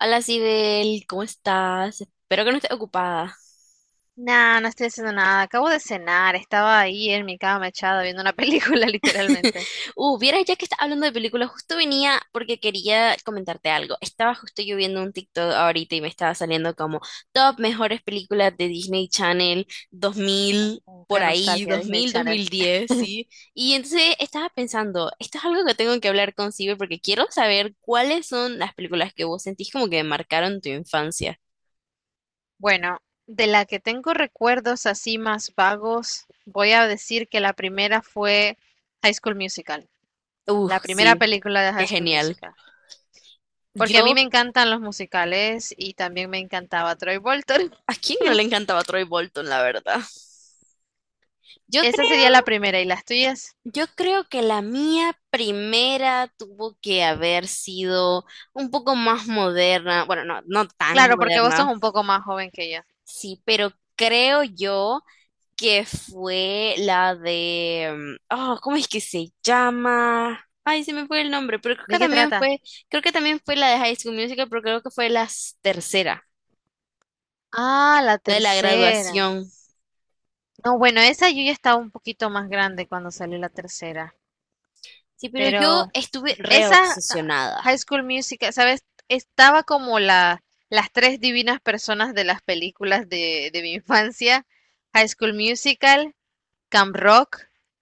Hola, Sibel, ¿cómo estás? Espero que no estés ocupada. Nah, no estoy haciendo nada. Acabo de cenar. Estaba ahí en mi cama echada viendo una película, literalmente. Vieras ya que estás hablando de películas, justo venía porque quería comentarte algo. Estaba justo yo viendo un TikTok ahorita y me estaba saliendo como top mejores películas de Disney Channel 2000 Oh, por qué ahí, nostalgia, dos dos Disney mil dos Channel. mil diez, ¿sí? Y entonces estaba pensando, esto es algo que tengo que hablar con Sibel porque quiero saber cuáles son las películas que vos sentís como que marcaron tu infancia. Bueno, de la que tengo recuerdos así más vagos, voy a decir que la primera fue High School Musical. La primera Sí, película de qué High School genial. Musical. Porque a Yo, mí me encantan los musicales y también me encantaba Troy Bolton. ¿a quién no le encantaba Troy Bolton, la verdad? Yo Esa sería la creo, primera. ¿Y las tuyas? yo creo que la mía primera tuvo que haber sido un poco más moderna, bueno, no, no tan Claro, porque vos sos moderna, un poco más joven que yo. sí, pero creo yo que fue la de, oh, ¿cómo es que se llama? Ay, se me fue el nombre, pero creo que ¿De qué también trata? fue, creo que también fue la de High School Musical, pero creo que fue la tercera, Ah, la la de la tercera. graduación. No, bueno, esa yo ya estaba un poquito más grande cuando salió la tercera, Sí, pero yo pero estuve re esa obsesionada. High School Musical, ¿sabes? Estaba como las tres divinas personas de las películas de mi infancia, High School Musical, Camp Rock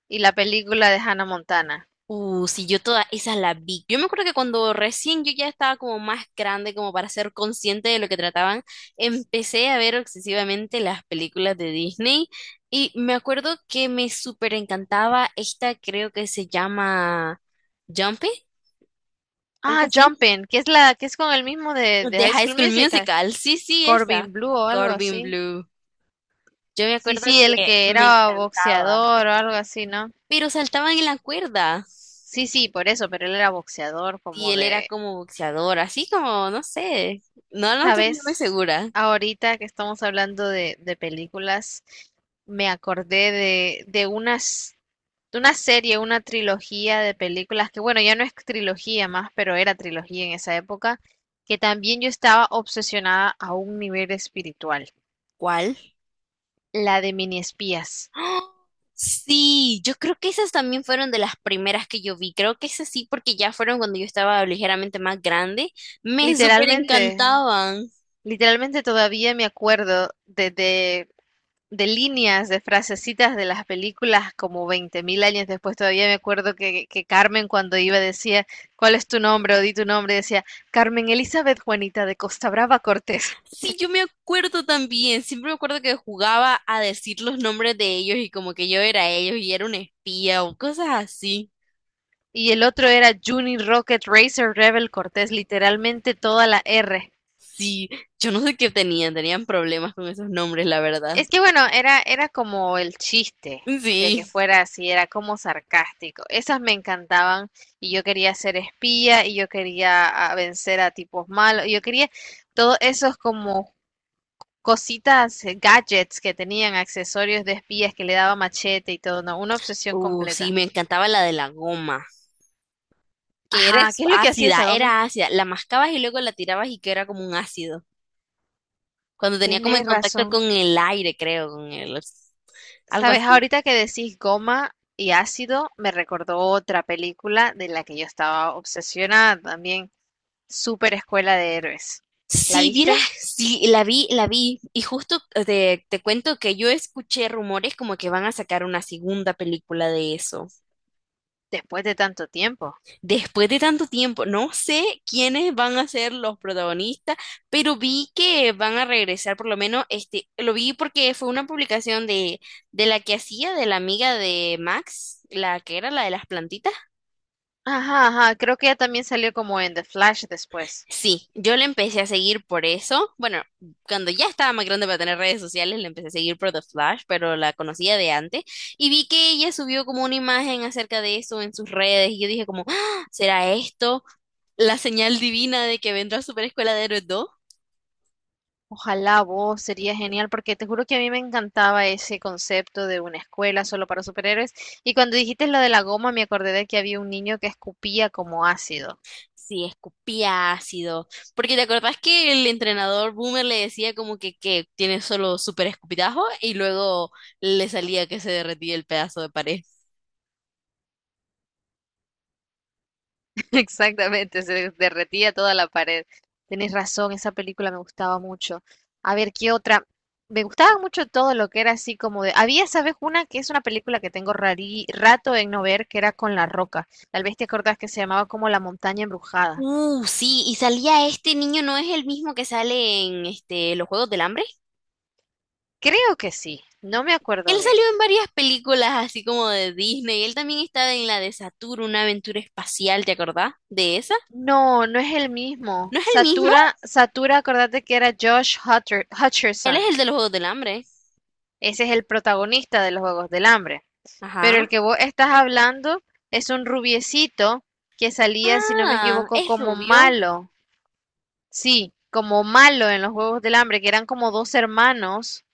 y la película de Hannah Montana. Sí, yo toda esa la vi. Yo me acuerdo que cuando recién yo ya estaba como más grande, como para ser consciente de lo que trataban, empecé a ver obsesivamente las películas de Disney y me acuerdo que me súper encantaba esta, creo que se llama Jumpy, algo Ah, así, Jumpin', que es la que es con el mismo de de High High School School Musical, Musical. Sí, sí, esa. Corbin Blue o algo Corbin así. Blue. Yo me Sí, acuerdo sí, el que que me era encantaba, boxeador o algo así, ¿no? pero saltaban en la cuerda. Sí, sí, por eso, pero él era boxeador Y como él era de. como boxeador, así como, no sé, no, no estoy muy Sabes, segura. ahorita que estamos hablando de películas, me acordé de una serie, una trilogía de películas que, bueno, ya no es trilogía más, pero era trilogía en esa época, que también yo estaba obsesionada a un nivel espiritual, ¿Cuál? la de Mini Espías. ¡Ah! Sí, yo creo que esas también fueron de las primeras que yo vi. Creo que esas sí, porque ya fueron cuando yo estaba ligeramente más grande. Me súper Literalmente, encantaban. literalmente, todavía me acuerdo de líneas, de frasecitas de las películas como 20.000 años después. Todavía me acuerdo que Carmen cuando iba decía, ¿cuál es tu nombre? O di tu nombre, decía, Carmen Elizabeth Juanita de Costa Brava Cortés. Sí, yo me acuerdo también. Siempre me acuerdo que jugaba a decir los nombres de ellos y como que yo era ellos y era un espía o cosas así. Y el otro era Juni Rocket Racer Rebel Cortés, literalmente toda la R. Sí, yo no sé qué tenían, tenían problemas con esos nombres, la verdad. Es que bueno, era como el chiste de que Sí. fuera así, era como sarcástico. Esas me encantaban y yo quería ser espía y yo quería vencer a tipos malos y yo quería todos esos como cositas, gadgets que tenían, accesorios de espías que le daba machete y todo, no, una obsesión Sí, completa. me encantaba la de la goma, que era Ajá, ¿qué es lo que hacía ácida, esa goma? era ácida. La mascabas y luego la tirabas y que era como un ácido. Cuando tenía como en Tienes contacto razón. con el aire, creo, con el, algo Sabes, así. ahorita que decís goma y ácido, me recordó otra película de la que yo estaba obsesionada también, Super Escuela de Héroes. ¿La Sí, vieras, viste? sí, la vi, la vi. Y justo te cuento que yo escuché rumores como que van a sacar una segunda película de eso. Después de tanto tiempo. Después de tanto tiempo, no sé quiénes van a ser los protagonistas, pero vi que van a regresar, por lo menos, este, lo vi porque fue una publicación de la que hacía, de la amiga de Max, la que era la de las plantitas. Ajá, ajá, creo que ella también salió como en The Flash después. Sí, yo le empecé a seguir por eso. Bueno, cuando ya estaba más grande para tener redes sociales, le empecé a seguir por The Flash, pero la conocía de antes, y vi que ella subió como una imagen acerca de eso en sus redes, y yo dije como, "Ah, ¿será esto? La señal divina de que vendrá Super Escuela de Héroes 2". Ojalá vos, sería genial, porque te juro que a mí me encantaba ese concepto de una escuela solo para superhéroes. Y cuando dijiste lo de la goma, me acordé de que había un niño que escupía como ácido. Sí, escupía ácido. Porque te acordás que el entrenador Boomer le decía como que tiene solo super escupitajo y luego le salía que se derretía el pedazo de pared. Exactamente, se derretía toda la pared. Tenés razón, esa película me gustaba mucho. A ver, ¿qué otra? Me gustaba mucho todo lo que era así como de. Había, ¿sabes? Una que es una película que tengo rato en no ver, que era con La Roca. Tal vez te acordás que se llamaba como La Montaña Embrujada. Sí, y salía este niño, ¿no es el mismo que sale en este, los Juegos del Hambre? Creo que sí, no me Él acuerdo bien. salió en varias películas así como de Disney. Él también estaba en la de Saturno, una aventura espacial, ¿te acordás de esa? No, no es el mismo. ¿No es el mismo? Satura, Satura, acordate que era Josh Él es Hutcherson. el de los Juegos del Hambre. Ese es el protagonista de los Juegos del Hambre. Pero Ajá. el que vos estás hablando es un rubiecito que salía, si no me Ah, equivoco, es como rubio. malo. Sí, como malo en los Juegos del Hambre, que eran como dos hermanos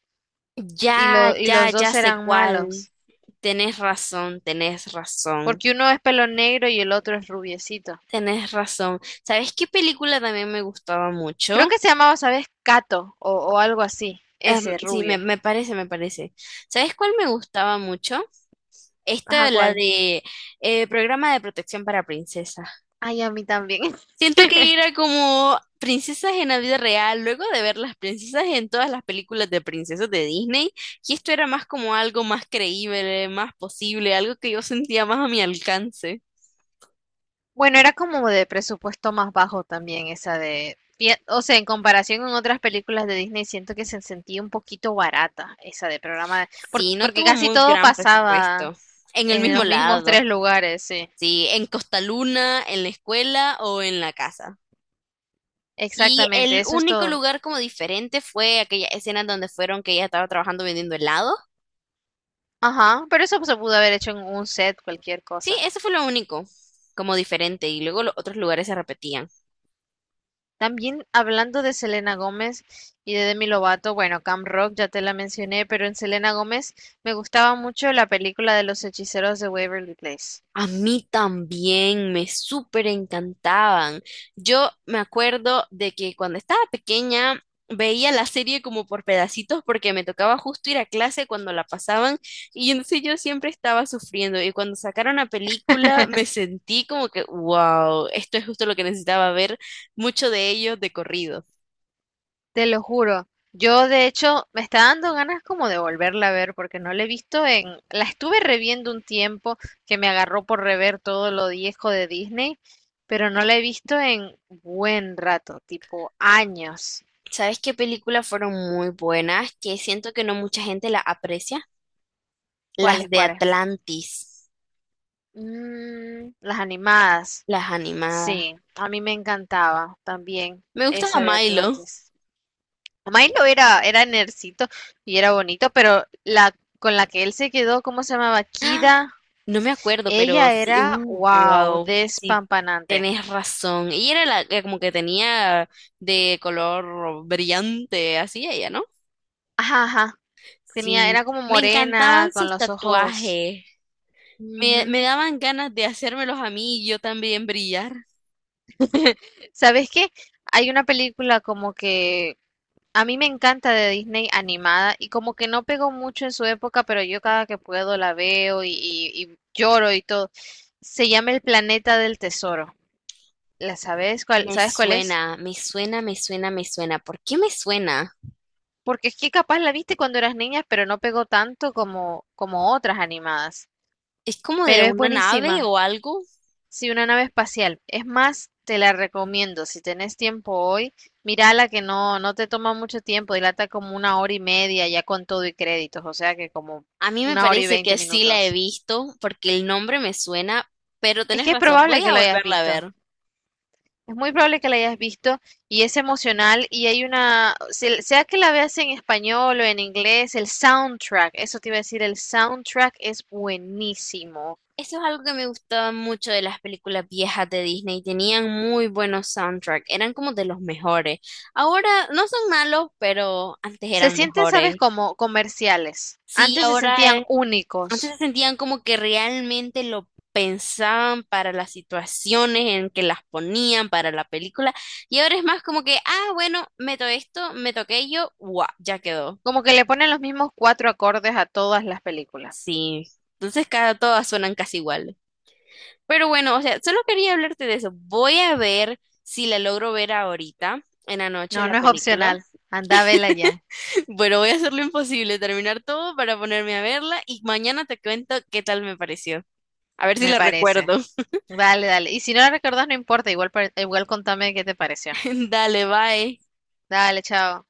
y, Ya, lo, y ya, los ya dos sé eran cuál. malos. Tenés razón, tenés razón, Porque uno es pelo negro y el otro es rubiecito. tenés razón. ¿Sabes qué película también me gustaba Creo mucho? que se llamaba, ¿sabes? Cato o algo así. Em, Ese sí, me, rubio. me parece, me parece. ¿Sabes cuál me gustaba mucho? Ajá, Esta, la ¿cuál? de Programa de Protección para Princesas. Ay, a mí también. Siento que era como princesas en la vida real, luego de ver las princesas en todas las películas de princesas de Disney, y esto era más como algo más creíble, más posible, algo que yo sentía más a mi alcance. Bueno, era como de presupuesto más bajo también esa o sea, en comparación con otras películas de Disney, siento que se sentía un poquito barata esa de programa, Sí, no porque tuvo casi muy todo gran pasaba presupuesto. En el en mismo los mismos tres lado, lugares, sí. sí, en Costa Luna, en la escuela o en la casa. Y Exactamente, el eso es único todo. lugar como diferente fue aquella escena donde fueron que ella estaba trabajando vendiendo helado. Ajá, pero eso se pudo haber hecho en un set, cualquier Sí, cosa. eso fue lo único como diferente y luego los otros lugares se repetían. También hablando de Selena Gómez y de Demi Lovato, bueno, Camp Rock ya te la mencioné, pero en Selena Gómez me gustaba mucho la película de los hechiceros de Waverly Place. A mí también me súper encantaban. Yo me acuerdo de que cuando estaba pequeña veía la serie como por pedacitos porque me tocaba justo ir a clase cuando la pasaban y entonces yo siempre estaba sufriendo y cuando sacaron la película me sentí como que, wow, esto es justo lo que necesitaba ver, mucho de ello de corrido. Te lo juro. Yo, de hecho, me está dando ganas como de volverla a ver porque no la he visto en. La estuve reviendo un tiempo que me agarró por rever todo lo viejo de Disney, pero no la he visto en buen rato, tipo años. ¿Sabes qué películas fueron muy buenas que siento que no mucha gente la aprecia? ¿Cuáles, Las de cuáles? Atlantis, Mm, las animadas. las animadas. Sí, a mí me encantaba también Me gustaba esa de Milo. Atlantis. Milo era nercito y era bonito, pero la con la que él se quedó, ¿cómo se llamaba? ¡Ah! Kida. No me acuerdo, pero Ella sí, era, wow, wow, sí, despampanante. tenés razón. Y era la que como que tenía de color brillante, así ella, ¿no? Ajá, ajá. Tenía, era Sí, como me morena, encantaban con sus los ojos. tatuajes. Me Ujú. daban ganas de hacérmelos a mí y yo también brillar. ¿Sabes qué? Hay una película como que a mí me encanta de Disney animada y como que no pegó mucho en su época, pero yo cada que puedo la veo y lloro y todo. Se llama El Planeta del Tesoro. ¿ Me Sabes cuál es? suena, me suena, me suena, me suena. ¿Por qué me suena? Porque es que capaz la viste cuando eras niña, pero no pegó tanto como otras animadas. ¿Es como de Pero es una nave buenísima. o algo? Sí, una nave espacial. Es más, te la recomiendo. Si tenés tiempo hoy, mírala que no te toma mucho tiempo. Dilata como una hora y media ya con todo y créditos. O sea que como A mí me una hora y parece veinte que sí la he minutos. visto porque el nombre me suena, pero Es tenés que es razón, probable voy que a lo hayas volverla a visto. ver. Es muy probable que la hayas visto y es emocional y hay una, sea que la veas en español o en inglés, el soundtrack, eso te iba a decir, el soundtrack es buenísimo. Eso es algo que me gustaba mucho de las películas viejas de Disney. Tenían muy buenos soundtracks, eran como de los mejores. Ahora no son malos, pero antes Se eran sienten, ¿sabes? mejores. Como comerciales. Sí, Antes se ahora sentían antes se únicos. sentían como que realmente lo pensaban para las situaciones en que las ponían para la película. Y ahora es más como que, ah, bueno, meto esto, meto aquello, guau, ya quedó. Como que le ponen los mismos cuatro acordes a todas las películas. Sí, entonces cada todas suenan casi iguales. Pero bueno, o sea, solo quería hablarte de eso. Voy a ver si la logro ver ahorita, en la noche, No, la no es película. opcional. Anda, vela ya, Bueno, voy a hacer lo imposible, terminar todo para ponerme a verla y mañana te cuento qué tal me pareció. A ver si me la parece. recuerdo. Dale, dale. Y si no la recordás, no importa. Igual, igual contame qué te pareció. Dale, bye. Dale, chao.